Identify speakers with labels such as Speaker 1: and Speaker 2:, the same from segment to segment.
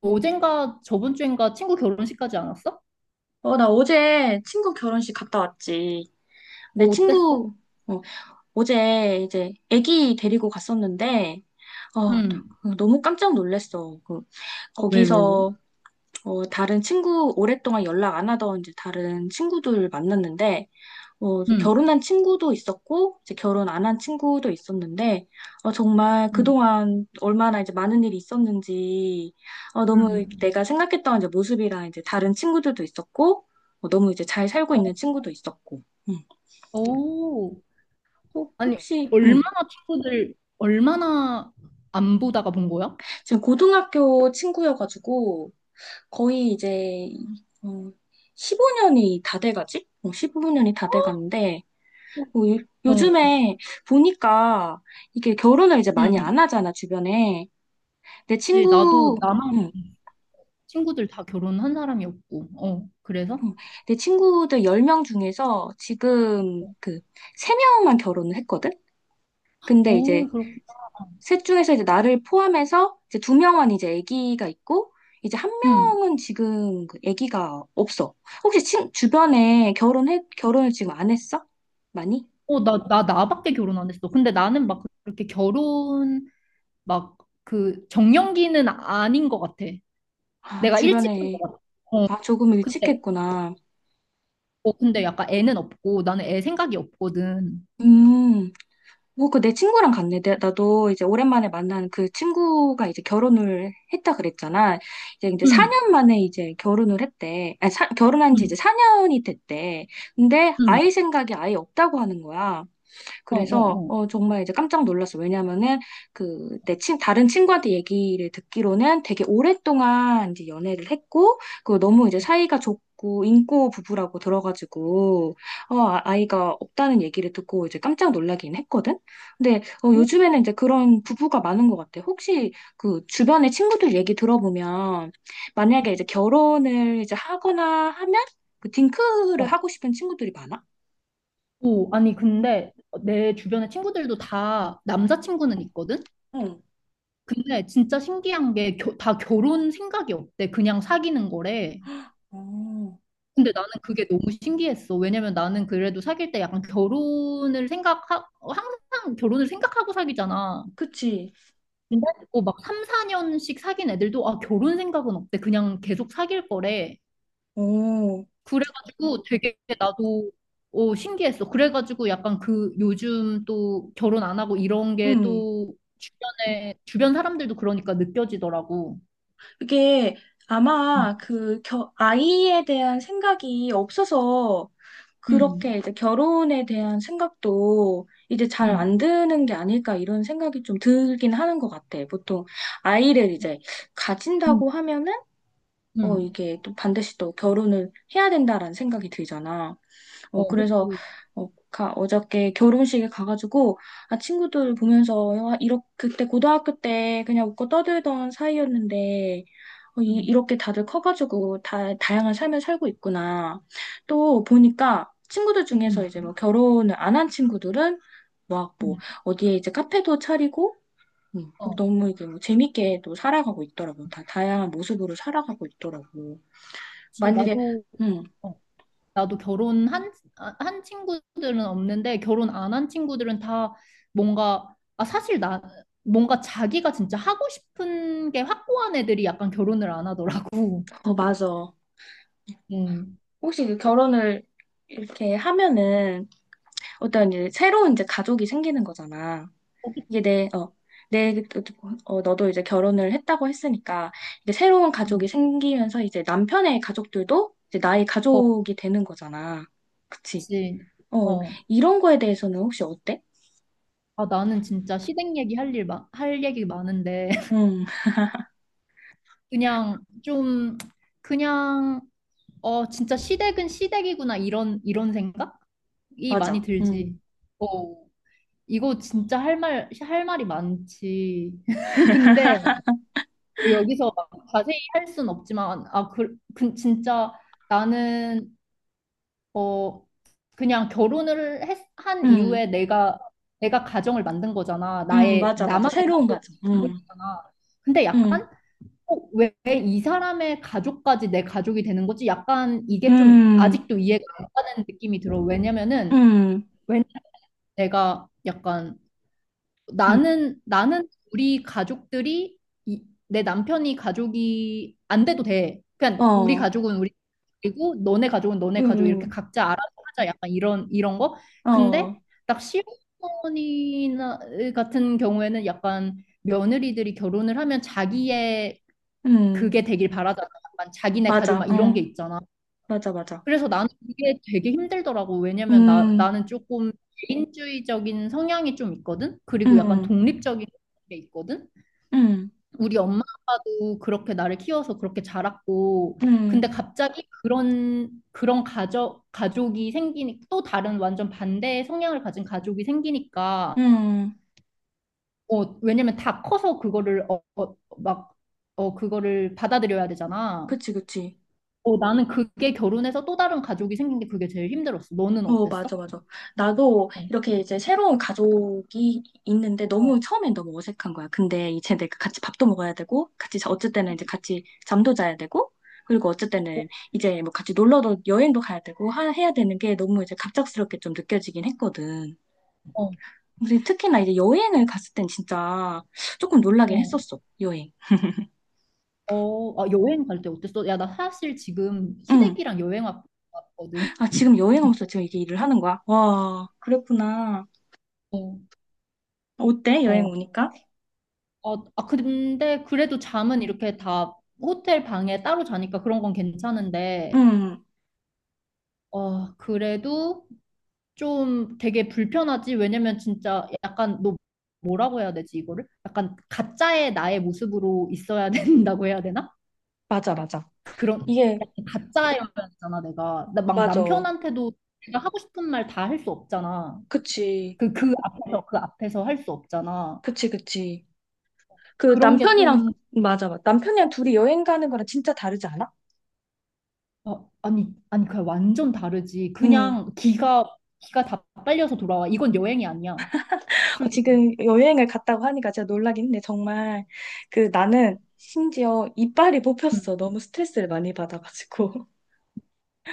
Speaker 1: 어젠가 저번 주인가 친구 결혼식까지 안 왔어?
Speaker 2: 나 어제 친구 결혼식 갔다 왔지.
Speaker 1: 어,
Speaker 2: 내
Speaker 1: 어땠어?
Speaker 2: 친구, 어, 어제 이제 아기 데리고 갔었는데, 어,
Speaker 1: 응.
Speaker 2: 너무 깜짝 놀랐어.
Speaker 1: 어, 왜, 왜, 왜?
Speaker 2: 거기서, 다른 친구, 오랫동안 연락 안 하던 이제 다른 친구들 만났는데, 이제
Speaker 1: 응,
Speaker 2: 결혼한 친구도 있었고, 이제 결혼 안 한 친구도 있었는데, 정말
Speaker 1: 응,
Speaker 2: 그동안 얼마나 이제 많은 일이 있었는지, 너무
Speaker 1: 응.
Speaker 2: 내가 생각했던 이제 모습이랑 이제 다른 친구들도 있었고, 너무 이제 잘 살고 있는
Speaker 1: 어,
Speaker 2: 친구도 있었고, 음.
Speaker 1: 오. 아니,
Speaker 2: 혹시,
Speaker 1: 얼마나 친구들, 얼마나 안 보다가 본 거야?
Speaker 2: 지금 고등학교 친구여가지고, 거의 이제, 어, 15년이 다 돼가지? 15년이 다 돼가는데, 뭐
Speaker 1: 어,
Speaker 2: 요즘에 보니까 이게 결혼을 이제
Speaker 1: 응.
Speaker 2: 많이 안 하잖아, 주변에. 내
Speaker 1: 그치, 나도
Speaker 2: 친구,
Speaker 1: 나만
Speaker 2: 응,
Speaker 1: 친구들 다 결혼한 사람이었고, 어, 그래서?
Speaker 2: 응. 내 친구들 10명 중에서 지금 그 3명만 결혼을 했거든? 근데 이제
Speaker 1: 오, 그렇구나.
Speaker 2: 셋 중에서 이제 나를 포함해서 이제 2명만 이제 아기가 있고, 이제 한
Speaker 1: 응.
Speaker 2: 명은 지금 그 아기가 없어. 혹시 주변에 결혼을 지금 안 했어? 많이?
Speaker 1: 어, 나밖에 결혼 안 했어. 근데 나는 막 그렇게 결혼, 막 그 정년기는 아닌 것 같아.
Speaker 2: 아,
Speaker 1: 내가 일찍 산 거
Speaker 2: 주변에.
Speaker 1: 같아. 어.
Speaker 2: 아, 조금 일찍
Speaker 1: 근데,
Speaker 2: 했구나.
Speaker 1: 어, 근데 약간 애는 없고, 나는 애 생각이 없거든.
Speaker 2: 음. 뭐, 그 내 친구랑 갔네. 나도 이제 오랜만에 만난 그 친구가 이제 결혼을 했다 그랬잖아. 이제
Speaker 1: 응,
Speaker 2: 4년 만에 이제 결혼을 했대. 아니, 결혼한 지 이제
Speaker 1: 응,
Speaker 2: 4년이 됐대. 근데
Speaker 1: 응.
Speaker 2: 아이 생각이 아예 없다고 하는 거야.
Speaker 1: 어,
Speaker 2: 그래서
Speaker 1: 어,
Speaker 2: 정말 이제 깜짝 놀랐어. 왜냐면은 그내 친 다른 친구한테 얘기를 듣기로는 되게 오랫동안 이제 연애를 했고 그 너무 이제 사이가 좋고 인고 부부라고 들어가지고 아이가 없다는 얘기를 듣고 이제 깜짝 놀라긴 했거든. 근데
Speaker 1: 어.
Speaker 2: 요즘에는 이제 그런 부부가 많은 것 같아. 혹시 그 주변의 친구들 얘기 들어보면 만약에 이제 결혼을 이제 하거나 하면 그
Speaker 1: 어?
Speaker 2: 딩크를
Speaker 1: 어.
Speaker 2: 하고 싶은 친구들이 많아?
Speaker 1: 오, 아니, 근데 내 주변의 친구들도 다 남자친구는 있거든?
Speaker 2: 응,
Speaker 1: 근데 진짜 신기한 게, 다 결혼 생각이 없대. 그냥 사귀는 거래.
Speaker 2: 어,
Speaker 1: 근데 나는 그게 너무 신기했어. 왜냐면 나는 그래도 사귈 때 약간 항상 결혼을 생각하고 사귀잖아.
Speaker 2: 그치.
Speaker 1: 근데 듣막 3, 4년씩 사귄 애들도 아 결혼 생각은 없대. 그냥 계속 사귈 거래.
Speaker 2: 오,
Speaker 1: 그래가지고 되게 나도 어, 신기했어. 그래가지고 약간 그 요즘 또 결혼 안 하고 이런 게
Speaker 2: 음.
Speaker 1: 또 주변 사람들도 그러니까 느껴지더라고.
Speaker 2: 그게
Speaker 1: 음,
Speaker 2: 아마 그 아이에 대한 생각이 없어서
Speaker 1: 음,
Speaker 2: 그렇게 이제 결혼에 대한 생각도 이제 잘
Speaker 1: 음,
Speaker 2: 안 드는 게 아닐까 이런 생각이 좀 들긴 하는 것 같아. 보통 아이를 이제
Speaker 1: 음.
Speaker 2: 가진다고 하면은
Speaker 1: 음.
Speaker 2: 이게 또 반드시 또 결혼을 해야 된다라는 생각이 들잖아.
Speaker 1: 어,
Speaker 2: 그래서,
Speaker 1: 그치.
Speaker 2: 어저께 결혼식에 가가지고, 아, 친구들 보면서, 와, 이렇게, 그때 고등학교 때 그냥 웃고 떠들던 사이였는데,
Speaker 1: 음,
Speaker 2: 이렇게 다들 커가지고, 다양한 삶을 살고 있구나. 또 보니까, 친구들 중에서 이제
Speaker 1: 음,
Speaker 2: 뭐 결혼을 안 한 친구들은, 막 뭐,
Speaker 1: 음.
Speaker 2: 어디에 이제 카페도 차리고,
Speaker 1: 어,
Speaker 2: 너무 이게 뭐 재밌게 또 살아가고 있더라고. 다 다양한 모습으로 살아가고 있더라고.
Speaker 1: 그치.
Speaker 2: 만약에,
Speaker 1: 나도
Speaker 2: 음,
Speaker 1: 어. 나도 결혼한 아, 한 친구들은 없는데 결혼 안 한 친구들은 다 뭔가 아 사실 나 뭔가 자기가 진짜 하고 싶은 게 확고한 애들이 약간 결혼을 안 하더라고.
Speaker 2: 맞아.
Speaker 1: 음.
Speaker 2: 혹시 그 결혼을 이렇게 하면은 어떤 이제 새로운 이제 가족이 생기는 거잖아.
Speaker 1: 어,
Speaker 2: 이게
Speaker 1: 그치.
Speaker 2: 내, 너도 이제 결혼을 했다고 했으니까 이제 새로운 가족이
Speaker 1: 음.
Speaker 2: 생기면서 이제 남편의 가족들도 이제 나의
Speaker 1: 어,
Speaker 2: 가족이 되는 거잖아. 그치?
Speaker 1: 그치.
Speaker 2: 어,
Speaker 1: 어.
Speaker 2: 이런 거에 대해서는 혹시 어때?
Speaker 1: 아, 나는 진짜 시댁 얘기 할 얘기 많은데,
Speaker 2: 응,
Speaker 1: 그냥 좀, 그냥, 어, 진짜 시댁은 시댁이구나, 이런, 이런 생각이 많이
Speaker 2: 맞아. 응,
Speaker 1: 들지. 어. 이거 진짜 할 말이 많지. 근데 뭐 여기서 막 자세히 할 순 없지만, 아, 그, 그, 진짜 나는, 어, 그냥 결혼을 한
Speaker 2: 응,
Speaker 1: 이후에 내가, 내가 가정을 만든 거잖아.
Speaker 2: 응,
Speaker 1: 나의,
Speaker 2: 맞아, 맞아.
Speaker 1: 나만의
Speaker 2: 새로운 가족. 응,
Speaker 1: 가족이잖아. 근데
Speaker 2: 응,
Speaker 1: 약간, 어, 왜 이 사람의 가족까지 내 가족이 되는 거지? 약간 이게 좀
Speaker 2: 응,
Speaker 1: 아직도 이해가 안 가는 느낌이 들어. 왜냐면은,
Speaker 2: 응,
Speaker 1: 왜 내가 약간,
Speaker 2: 응,
Speaker 1: 나는 우리 가족들이 이, 내 남편이 가족이 안 돼도 돼. 그냥 우리
Speaker 2: 어,
Speaker 1: 가족은 우리 그리고 너네 가족은 너네
Speaker 2: 응,
Speaker 1: 가족 이렇게
Speaker 2: 응,
Speaker 1: 각자 알아서 하자. 약간 이런 이런 거. 근데
Speaker 2: 어,
Speaker 1: 딱 시어머니나 같은 경우에는 약간 며느리들이 결혼을 하면 자기의
Speaker 2: 응.
Speaker 1: 그게 되길 바라잖아. 약간 자기네 가족
Speaker 2: 맞아,
Speaker 1: 막 이런 게
Speaker 2: 응,
Speaker 1: 있잖아.
Speaker 2: 맞아, 맞아.
Speaker 1: 그래서 나는 이게 되게 힘들더라고. 왜냐면 나,
Speaker 2: 음,
Speaker 1: 나는 조금 개인주의적인 성향이 좀 있거든? 그리고 약간
Speaker 2: 응,
Speaker 1: 독립적인 게 있거든?
Speaker 2: 응,
Speaker 1: 우리 엄마 아빠도 그렇게 나를 키워서 그렇게 자랐고, 근데
Speaker 2: 응,
Speaker 1: 갑자기 그런, 그런 가족이 생기니, 또 다른 완전 반대의 성향을 가진 가족이 생기니까,
Speaker 2: 응.
Speaker 1: 어, 왜냐면 다 커서 그거를, 어, 어, 막, 어, 그거를 받아들여야 되잖아.
Speaker 2: 그치, 그치.
Speaker 1: 어, 나는 그게 결혼해서 또 다른 가족이 생긴 게 그게 제일 힘들었어. 너는
Speaker 2: 어, 맞아,
Speaker 1: 어땠어?
Speaker 2: 맞아. 나도
Speaker 1: 어,
Speaker 2: 이렇게 이제 새로운 가족이 있는데 너무 처음엔 너무 어색한 거야. 근데 이제 내가 같이 밥도 먹어야 되고, 어쨌든 이제 같이 잠도 자야 되고, 그리고
Speaker 1: 어,
Speaker 2: 어쨌든 이제 뭐 같이 놀러도 여행도 가야 되고 해야 되는 게 너무 이제 갑작스럽게 좀 느껴지긴 했거든.
Speaker 1: 어,
Speaker 2: 근데 특히나 이제 여행을 갔을 땐 진짜 조금 놀라긴
Speaker 1: 어.
Speaker 2: 했었어, 여행.
Speaker 1: 어, 아, 여행 갈 때 어땠어? 야, 나 사실 지금
Speaker 2: 응.
Speaker 1: 시댁이랑 왔거든.
Speaker 2: 아, 지금 여행 오면서 지금 이게 일을 하는 거야? 와, 그랬구나.
Speaker 1: 어,
Speaker 2: 어때? 여행
Speaker 1: 어.
Speaker 2: 오니까?
Speaker 1: 근데 그래도 잠은 이렇게 다 호텔 방에 따로 자니까 그런 건 괜찮은데,
Speaker 2: 응,
Speaker 1: 어, 그래도 좀 되게 불편하지? 왜냐면 진짜 약간 너 뭐라고 해야 되지, 이거를? 약간 가짜의 나의 모습으로 있어야 된다고 해야 되나?
Speaker 2: 맞아, 맞아.
Speaker 1: 그런
Speaker 2: 이게,
Speaker 1: 약간 가짜여야잖아 내가 나 막
Speaker 2: 맞아.
Speaker 1: 남편한테도 내가 하고 싶은 말 다 할 수 없잖아
Speaker 2: 그치,
Speaker 1: 그 앞에서 할 수 없잖아
Speaker 2: 그치, 그치. 그
Speaker 1: 그런
Speaker 2: 남편이랑,
Speaker 1: 게좀
Speaker 2: 맞아, 맞아. 남편이랑 둘이 여행 가는 거랑 진짜 다르지 않아?
Speaker 1: 어, 아니 아니 그냥 완전 다르지
Speaker 2: 응.
Speaker 1: 그냥 기가 다 빨려서 돌아와 이건 여행이 아니야 솔직히
Speaker 2: 지금 여행을 갔다고 하니까 진짜 놀라긴 했데 정말, 그 나는 심지어 이빨이
Speaker 1: 음,
Speaker 2: 뽑혔어. 너무 스트레스를 많이 받아가지고.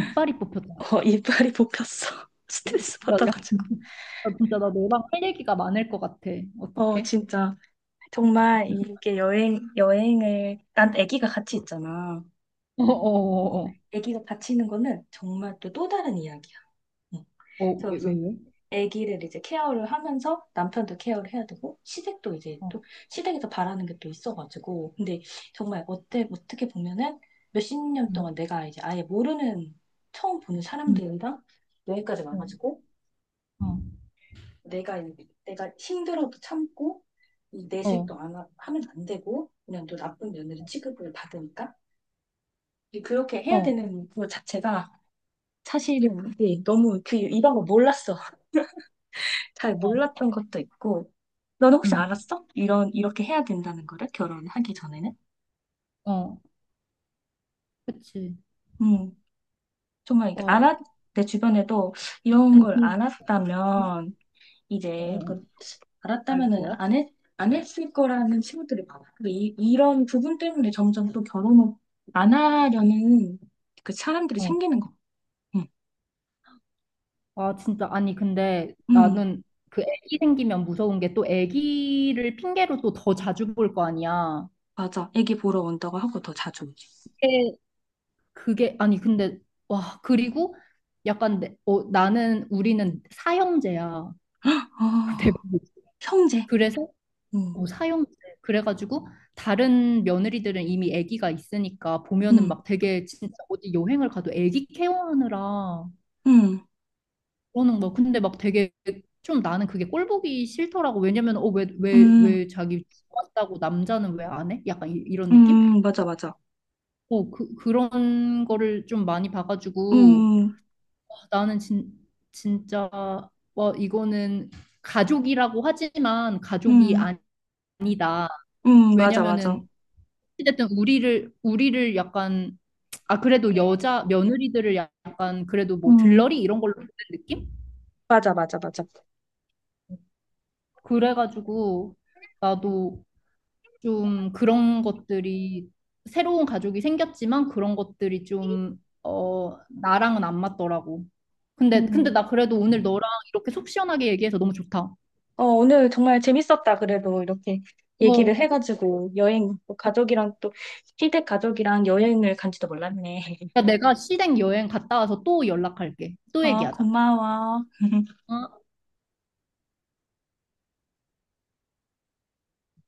Speaker 1: 이빨이 뽑혔다
Speaker 2: 이빨이 뽑혔어. 스트레스
Speaker 1: 야, 야,
Speaker 2: 받아가지고.
Speaker 1: 나 진짜 나 너랑 할 얘기가 많을 것 같아 어떡해
Speaker 2: 진짜. 정말 이게 여행을, 난 아기가 같이 있잖아.
Speaker 1: 어어어어
Speaker 2: 아기가 같이 있는 거는 정말 또 다른 이야기야. 응.
Speaker 1: 어왜왜
Speaker 2: 그래서
Speaker 1: 왜? 왜, 왜?
Speaker 2: 아기를 이제 케어를 하면서 남편도 케어를 해야 되고, 시댁도 이제
Speaker 1: 어,
Speaker 2: 또, 시댁에서 바라는 게 또 있어가지고. 근데 정말 어떻게 보면은 몇십 년 동안
Speaker 1: 음,
Speaker 2: 내가 이제 아예 모르는, 처음 보는
Speaker 1: 음,
Speaker 2: 사람들이랑 여기까지
Speaker 1: 어,
Speaker 2: 와가지고,
Speaker 1: 어,
Speaker 2: 내가 내가 힘들어도 참고 이
Speaker 1: 어,
Speaker 2: 내색도 안 하, 하면 안 되고 그냥 또 나쁜 며느리 취급을 받으니까 그렇게 해야
Speaker 1: 어,
Speaker 2: 되는 그 자체가 사실은 이게 너무 그 이 방법 몰랐어.
Speaker 1: 어,
Speaker 2: 잘
Speaker 1: 어,
Speaker 2: 몰랐던 것도 있고 너는 혹시
Speaker 1: 음.
Speaker 2: 알았어? 이런 이렇게 해야 된다는 거를 결혼하기 전에는?
Speaker 1: 어, 그치.
Speaker 2: 음 정말 이게
Speaker 1: 와,
Speaker 2: 알았 내 주변에도 이런
Speaker 1: 아니,
Speaker 2: 걸
Speaker 1: 근데,
Speaker 2: 이제
Speaker 1: 어,
Speaker 2: 그
Speaker 1: 알
Speaker 2: 알았다면은
Speaker 1: 거야?
Speaker 2: 안 했을 거라는 친구들이 많아. 그 이런 부분 때문에 점점 또 결혼을 안 하려는 그 사람들이
Speaker 1: 어.
Speaker 2: 생기는 거. 응,
Speaker 1: 아, 진짜. 아니, 근데
Speaker 2: 응,
Speaker 1: 나는 그 애기 생기면 무서운 게 또 애기를 핑계로 또 더 자주 볼 거 아니야.
Speaker 2: 맞아. 애기 보러 온다고 하고 더 자주 오지.
Speaker 1: 그게, 그게, 아니, 근데, 와, 그리고 약간, 내, 어, 나는, 우리는 사형제야.
Speaker 2: 아,
Speaker 1: 대부분.
Speaker 2: 형제.
Speaker 1: 그래서,
Speaker 2: 응,
Speaker 1: 어, 사형제. 그래가지고, 다른 며느리들은 이미 애기가 있으니까 보면은
Speaker 2: 응,
Speaker 1: 막 되게 진짜 어디 여행을 가도 애기 케어하느라
Speaker 2: 응,
Speaker 1: 그러는 거. 근데 막 되게 좀 나는 그게 꼴 보기 싫더라고. 왜냐면 어, 왜, 왜,
Speaker 2: 응,
Speaker 1: 왜 자기 왔다고 남자는 왜 안 해? 약간 이, 이런 느낌?
Speaker 2: 응, 맞아, 맞아.
Speaker 1: 어, 그, 그런 거를 좀 많이 봐가지고
Speaker 2: 응,
Speaker 1: 와, 나는 진짜 와, 이거는 가족이라고 하지만 가족이
Speaker 2: 응,
Speaker 1: 아니다.
Speaker 2: 응, 맞아, 맞아.
Speaker 1: 왜냐면은 어쨌든 우리를 약간 아 그래도 여자 며느리들을 약간 그래도 뭐
Speaker 2: 응,
Speaker 1: 들러리 이런 걸로 보는 느낌?
Speaker 2: 맞아, 맞아, 맞아.
Speaker 1: 그래가지고 나도 좀 그런 것들이 새로운 가족이 생겼지만 그런 것들이 좀 어, 나랑은 안 맞더라고. 근데 근데
Speaker 2: 응
Speaker 1: 나 그래도 오늘 너랑 이렇게 속 시원하게 얘기해서 너무 좋다.
Speaker 2: 오늘 정말 재밌었다. 그래도 이렇게 얘기를
Speaker 1: 어,
Speaker 2: 해가지고 여행, 또 가족이랑 또 시댁 가족이랑 여행을 간지도 몰랐네.
Speaker 1: 어, 내가 시댁 여행 갔다 와서 또 연락할게. 또 얘기하자.
Speaker 2: 고마워.
Speaker 1: 어.